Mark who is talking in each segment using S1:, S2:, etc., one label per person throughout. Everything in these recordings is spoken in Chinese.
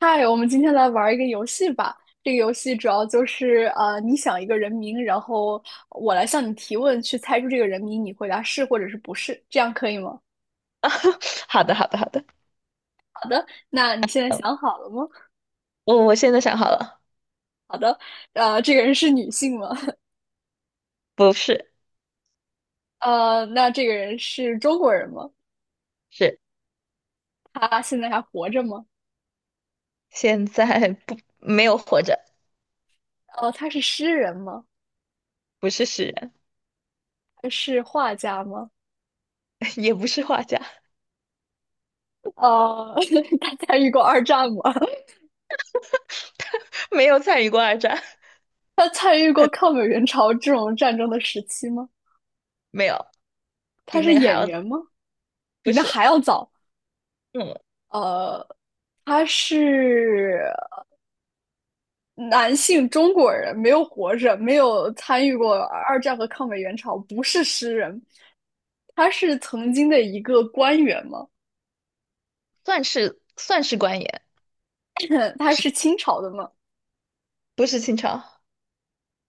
S1: 嗨，我们今天来玩一个游戏吧。这个游戏主要就是你想一个人名，然后我来向你提问，去猜出这个人名，你回答是或者是不是，这样可以吗？
S2: 好的，好的，好的。
S1: 好的，那你现在
S2: 嗯，
S1: 想好了吗？
S2: 我现在想好了。
S1: 好的，这个人是女性吗？
S2: 不是。
S1: 呃，那这个人是中国人吗？
S2: 是
S1: 他现在还活着吗？
S2: 现在不没有活着。
S1: 他是诗人吗？
S2: 不是诗人。
S1: 他是画家吗？
S2: 也不是画家。
S1: 呃，他参与过二战吗？
S2: 没有参与过二战。
S1: 他参与过抗美援朝这种战争的时期吗？
S2: 没有。
S1: 他
S2: 比那
S1: 是
S2: 个还
S1: 演
S2: 要
S1: 员吗？比
S2: 不
S1: 那
S2: 是。
S1: 还要早。
S2: 嗯，
S1: 呃，他是男性中国人，没有活着，没有参与过二战和抗美援朝，不是诗人。他是曾经的一个官员吗？
S2: 算是官员。
S1: 他
S2: 只
S1: 是清朝的吗？
S2: 不是清朝。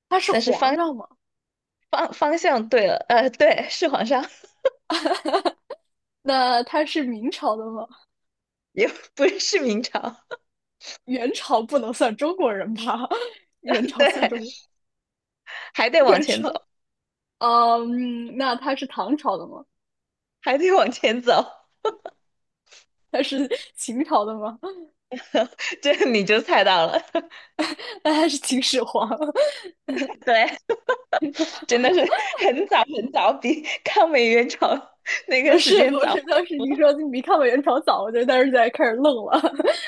S1: 他是
S2: 但是
S1: 皇
S2: 方
S1: 上吗？
S2: 方方向对了，对，是皇上。
S1: 那他是明朝的吗？
S2: 也不是明朝。
S1: 元朝不能算中国人吧？元 朝算
S2: 对，
S1: 中国，
S2: 还得往
S1: 元
S2: 前走。
S1: 朝。那他是唐朝的吗？
S2: 还得往前走。
S1: 他是 秦朝的吗？
S2: 这你就猜到了。
S1: 那他是秦始皇。
S2: 对，真的是很早很早，比抗美援朝那
S1: 我
S2: 个时
S1: 是
S2: 间
S1: 我
S2: 早。
S1: 是当时你说你比看过元朝早，我就当时在开始愣了。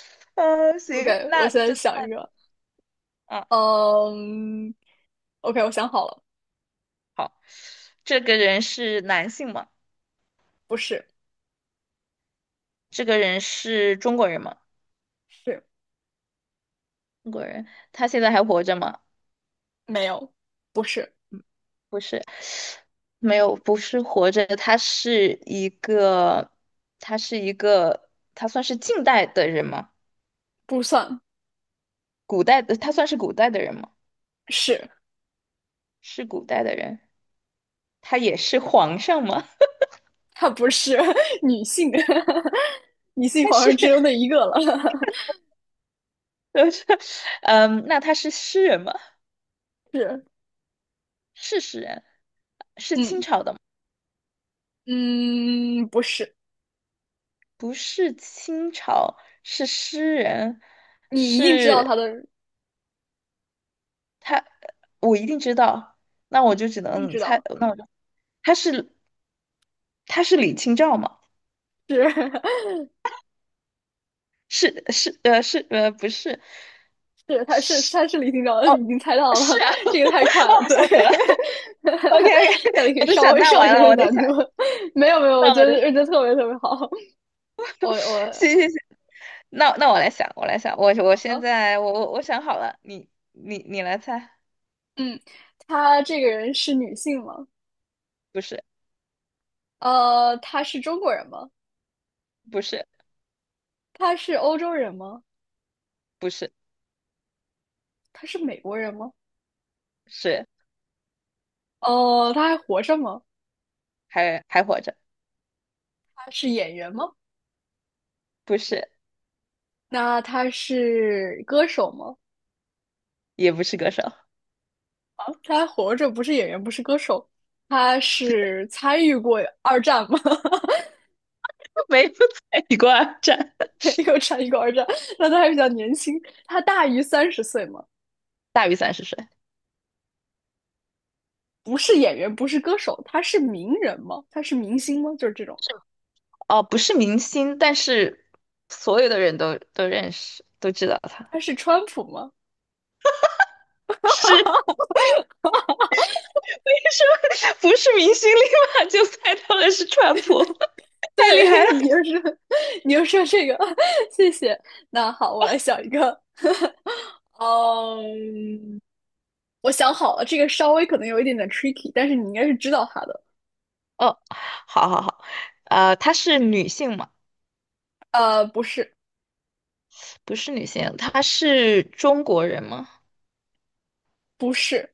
S2: 嗯、行，
S1: OK，我
S2: 那
S1: 现在
S2: 就
S1: 想一
S2: 算。
S1: 个，
S2: 啊，
S1: 嗯 um,，OK，我想好了，
S2: 好。这个人是男性吗？
S1: 不是，
S2: 这个人是中国人吗？
S1: 是
S2: 中国人。他现在还活着吗？
S1: 没有，不是，
S2: 不是。没有。不是活着。他是一个。他算是近代的人吗？
S1: 不算
S2: 古代的。他算是古代的人吗？
S1: 是，
S2: 是古代的人。他也是皇上吗？
S1: 他不是 女性，女性
S2: 他
S1: 皇
S2: 是。
S1: 上只有那一个了，
S2: 嗯，那他是诗人吗？
S1: 是，
S2: 是诗人。是清
S1: 嗯
S2: 朝的吗？
S1: 嗯，不是，
S2: 不是清朝。是诗人。
S1: 你一定知道
S2: 是
S1: 他的，
S2: 他。我一定知道。那我就只
S1: 一定
S2: 能
S1: 知
S2: 猜。
S1: 道，
S2: 那我就他是他是李清照吗？
S1: 是
S2: 是是是不是。
S1: 对，他是
S2: 是。
S1: 李厅照，已
S2: 哦。
S1: 经猜到了，
S2: 是啊。
S1: 这个太 快了，
S2: 哦
S1: 对，
S2: 吓死我了。 OK OK。
S1: 那你可 以
S2: 我在
S1: 稍
S2: 想
S1: 微
S2: 那
S1: 上一
S2: 完
S1: 点
S2: 了
S1: 点
S2: 我得
S1: 难
S2: 想。
S1: 度。没有，
S2: 那我得
S1: 我觉 得特别特别好。
S2: 行
S1: 我
S2: 行行。那我来想，我
S1: 好
S2: 现
S1: 了，
S2: 在我想好了，你来猜。
S1: 嗯，他这个人是女性吗？
S2: 不是。
S1: 呃，他是中国人吗？
S2: 不是。
S1: 他是欧洲人吗？
S2: 不是。
S1: 他是美国人吗？
S2: 是
S1: 哦，他还活着吗？
S2: 还活着。
S1: 他是演员吗？
S2: 不是。
S1: 那他是歌手吗？
S2: 也不是歌手。
S1: 啊，他还活着，不是演员，不是歌手。他是参与过二战吗？
S2: 没有参与过二战。
S1: 没有产一个儿子，那他还比较年轻，他大于30岁吗？
S2: 大于伞是岁。
S1: 不是演员，不是歌手，他是名人吗？他是明星吗？就是这种，
S2: 哦，不是明星，但是所有的人都认识，都知道他。
S1: 他是川普吗？
S2: 是，为什么不是明星，立马就猜到了是川普？太厉
S1: 对，
S2: 害了！
S1: 你就是，你又说这个，谢谢。那好，我来想一个，嗯，我想好了，这个稍微可能有一点点 tricky，但是你应该是知道他的。
S2: 哦，好好好。她是女性吗？
S1: 不是，
S2: 不是女性。她是中国人吗？
S1: 不是，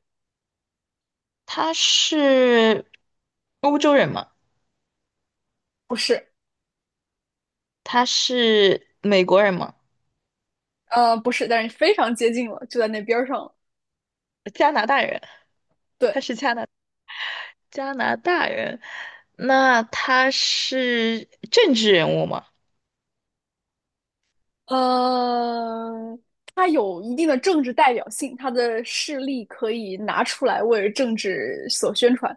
S2: 她是欧洲人吗？
S1: 不是，
S2: 她是美国人吗？
S1: 不是，但是非常接近了，就在那边儿上了。
S2: 加拿大人。
S1: 对，
S2: 加拿大人。那他是政治人物吗？
S1: 呃，他有一定的政治代表性，他的事例可以拿出来为政治所宣传。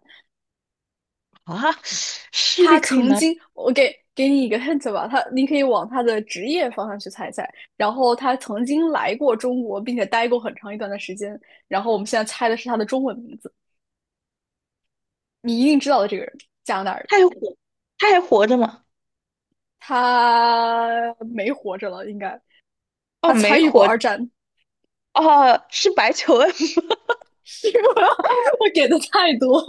S2: 啊，势
S1: 他
S2: 力可以
S1: 曾
S2: 拿。
S1: 经，我给给你一个 hint 吧，他你可以往他的职业方向去猜一猜。然后他曾经来过中国，并且待过很长一段的时间。然后我们现在猜的是他的中文名字，你一定知道的这个人，加拿大人，
S2: 他还活。他还活着吗？
S1: 他没活着了，应该
S2: 哦，
S1: 他
S2: 没
S1: 参与过
S2: 活着。
S1: 二战。
S2: 哦，是白求恩。
S1: 是吗？我给的太多。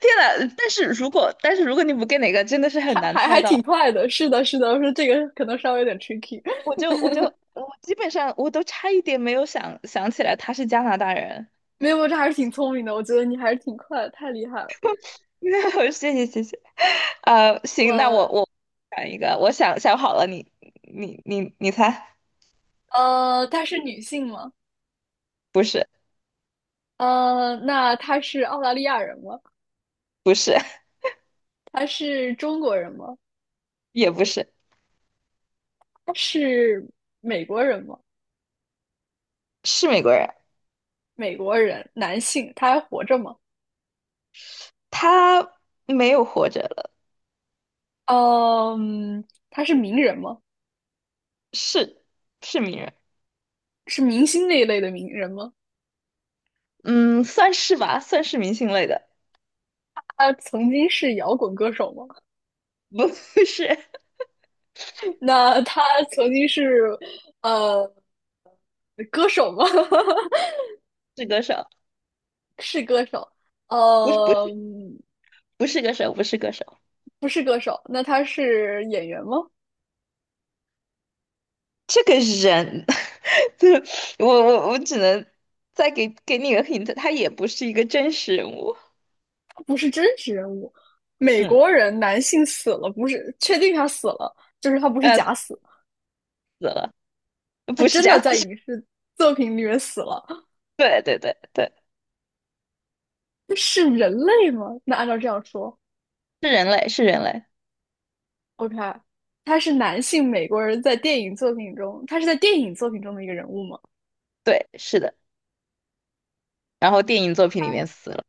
S2: 天呐，但是如果但是如果你不给哪个，真的是很
S1: 还
S2: 难
S1: 还
S2: 猜
S1: 还
S2: 到。
S1: 挺快的，是的，是的，我说这个可能稍微有点 tricky，
S2: 我就我就我基本上我都差一点没有想想起来他是加拿大人。
S1: 没有，这还是挺聪明的，我觉得你还是挺快的，太厉害了。
S2: 谢谢谢谢。啊，行，那我
S1: 我
S2: 我想一个。我想想好了，你你猜。
S1: 她是女性吗？
S2: 不是。
S1: 那她是澳大利亚人吗？
S2: 不是。
S1: 她是中国人吗？
S2: 也不是。
S1: 她是美国人吗？
S2: 是美国人。
S1: 美国人，男性，他还活着吗？
S2: 他没有活着了。
S1: 嗯，他是名人吗？
S2: 是。是名人。
S1: 是明星那一类的名人吗？
S2: 嗯，算是吧，算是明星类的。
S1: 他曾经是摇滚歌手吗？
S2: 不 是。
S1: 那他曾经是呃歌手吗？
S2: 是歌手。
S1: 是歌手，
S2: 不是。不
S1: 呃，
S2: 是不是歌手。不是歌手。
S1: 不是歌手，那他是演员吗？
S2: 这个人，对，我只能再给你一个 hint，他也不是一个真实人物。
S1: 他不是真实人物，美
S2: 嗯，
S1: 国人男性死了，不是确定他死了，就是他不是
S2: 他
S1: 假死，
S2: 死了。
S1: 他
S2: 不是
S1: 真
S2: 假
S1: 的在
S2: 死。
S1: 影视作品里面死了，
S2: 对对对对。
S1: 是人类吗？那按照这样说
S2: 是人类。是人类。
S1: ，OK，他是男性美国人在电影作品中，他是在电影作品中的一个人物吗？
S2: 对，是的。然后电影作品里面死了。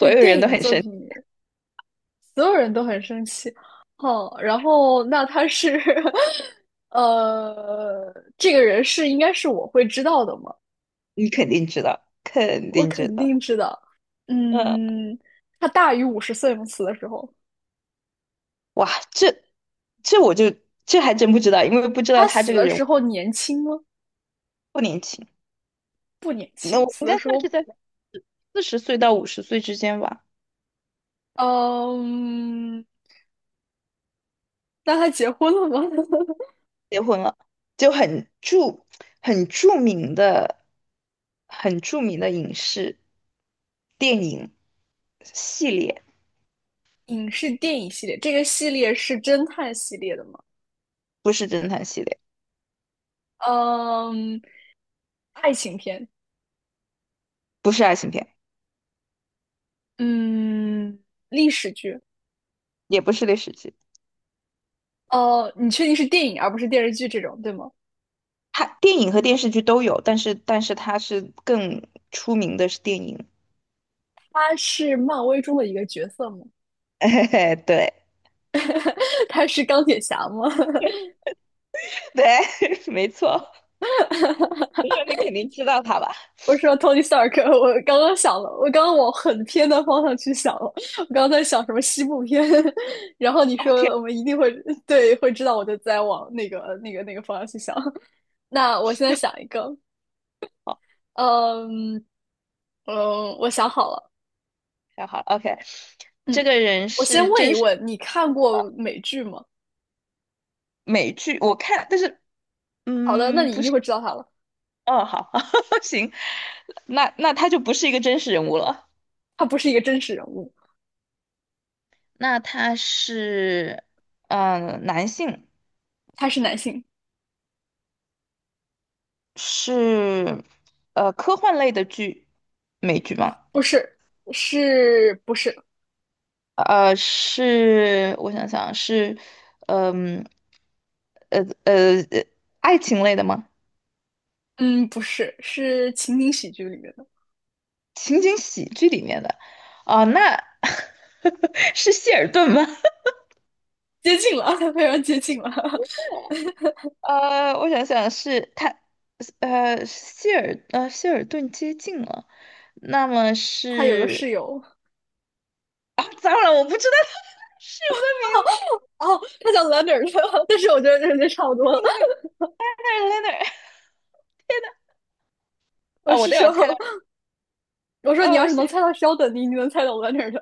S1: 在
S2: 有
S1: 电
S2: 人都
S1: 影
S2: 很
S1: 作
S2: 生。
S1: 品里所有人都很生气。哦，然后那他是，呃，这个人是应该是我会知道的吗？
S2: 你肯定知道。肯
S1: 我
S2: 定知
S1: 肯
S2: 道。
S1: 定知道。
S2: 嗯，
S1: 嗯，他大于50岁吗？死的时候，
S2: 哇，这我就这还真不知道，因为不知道
S1: 他
S2: 他
S1: 死
S2: 这个
S1: 的
S2: 人
S1: 时候年轻吗？
S2: 不年轻。
S1: 不年
S2: 那
S1: 轻，
S2: 我
S1: 死
S2: 应
S1: 的
S2: 该
S1: 时
S2: 算是
S1: 候，
S2: 在40岁到50岁之间吧。
S1: 嗯，那他结婚了吗？
S2: 结婚了。就很著名的很著名的影视电影系列。
S1: 影视电影系列，这个系列是侦探系列的吗？
S2: 不是侦探系列。
S1: 嗯，爱情片，
S2: 不是爱情片。
S1: 嗯，历史剧，
S2: 也不是历史剧。
S1: 哦，你确定是电影而不是电视剧这种，对吗？
S2: 他电影和电视剧都有，但是他是更出名的是电影。
S1: 他是漫威中的一个角色吗？
S2: 哎，对。
S1: 他是钢铁侠吗？
S2: 对，没错。我说你肯定知道他吧？
S1: 我说 Tony Stark，我刚刚想了，我刚刚往很偏的方向去想了，我刚刚在想什么西部片，然后你
S2: 哦
S1: 说
S2: 天。
S1: 我们一定会对会知道，我就在往那个方向去想。那我现在想一个，嗯嗯，我想好了，
S2: 太好了，OK。这
S1: 嗯，
S2: 个人
S1: 我先
S2: 是
S1: 问一
S2: 真是
S1: 问，你看过美剧吗？
S2: 美剧，我看，但是
S1: 好的，那
S2: 嗯，
S1: 你
S2: 不
S1: 一定
S2: 是。
S1: 会知道他了，
S2: 哦，好。行，那那他就不是一个真实人物了。
S1: 他不是一个真实人物。
S2: 那他是嗯、男性。
S1: 他是男性，
S2: 是科幻类的剧。美剧吗？
S1: 不是，是不是？
S2: 是我想想是。嗯，呃呃，呃爱情类的吗？
S1: 嗯，不是，是情景喜剧里面的，
S2: 情景喜剧里面的。哦，那 是谢尔顿吗？
S1: 接近了，他非常接近了。
S2: 我想想是他。谢尔顿接近了。那么
S1: 他有个室
S2: 是。
S1: 友，
S2: 啊，糟了，我不知道 是我的名字。
S1: 哦，他叫 Leonard，但是我觉得这差不多了。
S2: 在哪儿在哪儿。
S1: 我
S2: 啊，我
S1: 是
S2: 都
S1: 说，
S2: 有猜到。
S1: 我说你要
S2: 哦，
S1: 是能
S2: 是。
S1: 猜到 SHE 你一定能猜到 Leonard。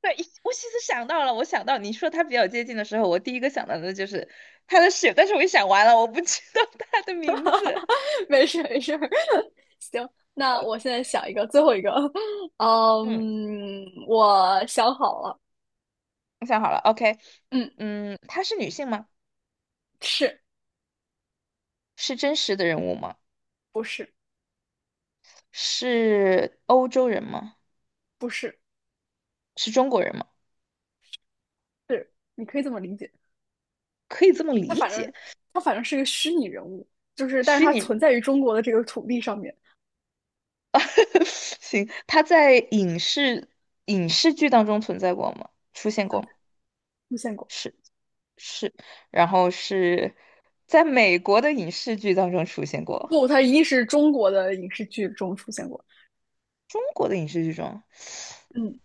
S2: 对，我其实想到了。我想到你说他比较接近的时候，我第一个想到的就是他的室友，但是我一想完了，我不知道他的名字。
S1: 没事，行，那我 现在想一个，最后一个，
S2: 嗯，
S1: 嗯，我想好了，
S2: 我想好了，OK。
S1: 嗯，
S2: 嗯，她是女性吗？
S1: 是
S2: 是真实的人物吗？
S1: 不是
S2: 是欧洲人吗？
S1: 不是
S2: 是中国人吗？
S1: 是，你可以这么理解。
S2: 可以这么
S1: 他
S2: 理
S1: 反正
S2: 解。
S1: 他反正是个虚拟人物，就是但是
S2: 虚
S1: 他
S2: 拟人
S1: 存
S2: 物。
S1: 在于中国的这个土地上面
S2: 行，他在影视剧当中存在过吗？出现过吗？
S1: 出现过。
S2: 是。是，然后是在美国的影视剧当中出现过。
S1: 不，他一定是中国的影视剧中出现过。
S2: 中国的影视剧中。
S1: 嗯，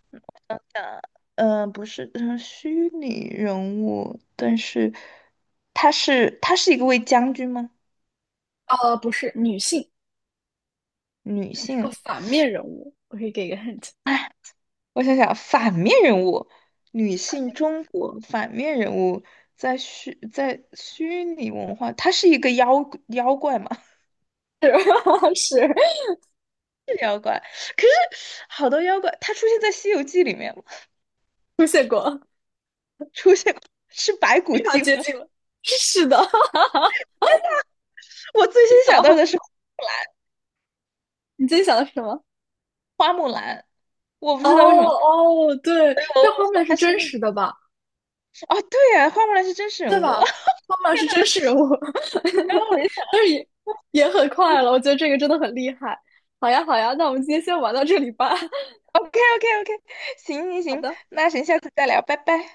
S2: 等等。不是。嗯，虚拟人物，但是他是一个位将军吗？
S1: 不是女性，
S2: 女
S1: 是个
S2: 性。
S1: 反面人物。我可以给一个 hint，
S2: 我想想，反面人物。女性中国反面人物在虚拟文化。她是一个妖怪嘛？
S1: 是 是
S2: 可是好多妖怪。她出现在《西游记》里面吗？
S1: 出现过，
S2: 出现过。是白骨
S1: 非常
S2: 精
S1: 接
S2: 吗？
S1: 近了。是的，
S2: 我最
S1: 你
S2: 先想到
S1: 想
S2: 的是
S1: 你今天想的是什么？
S2: 花木兰。我不
S1: 哦
S2: 知道为什么。
S1: 哦，对，
S2: 我
S1: 但花
S2: 我
S1: 木
S2: 说
S1: 兰是
S2: 她是
S1: 真
S2: 那。
S1: 实的吧？
S2: 哦，对啊，花木兰是真实人
S1: 对
S2: 物。
S1: 吧？妈妈是真实人物，
S2: 然后我就想
S1: 但是也也很快了，我觉得这个真的很厉害。好呀，好呀，那我们今天先玩到这里吧。
S2: ，OK OK OK。行行
S1: 好
S2: 行。
S1: 的。
S2: 那行，下次再聊，拜拜。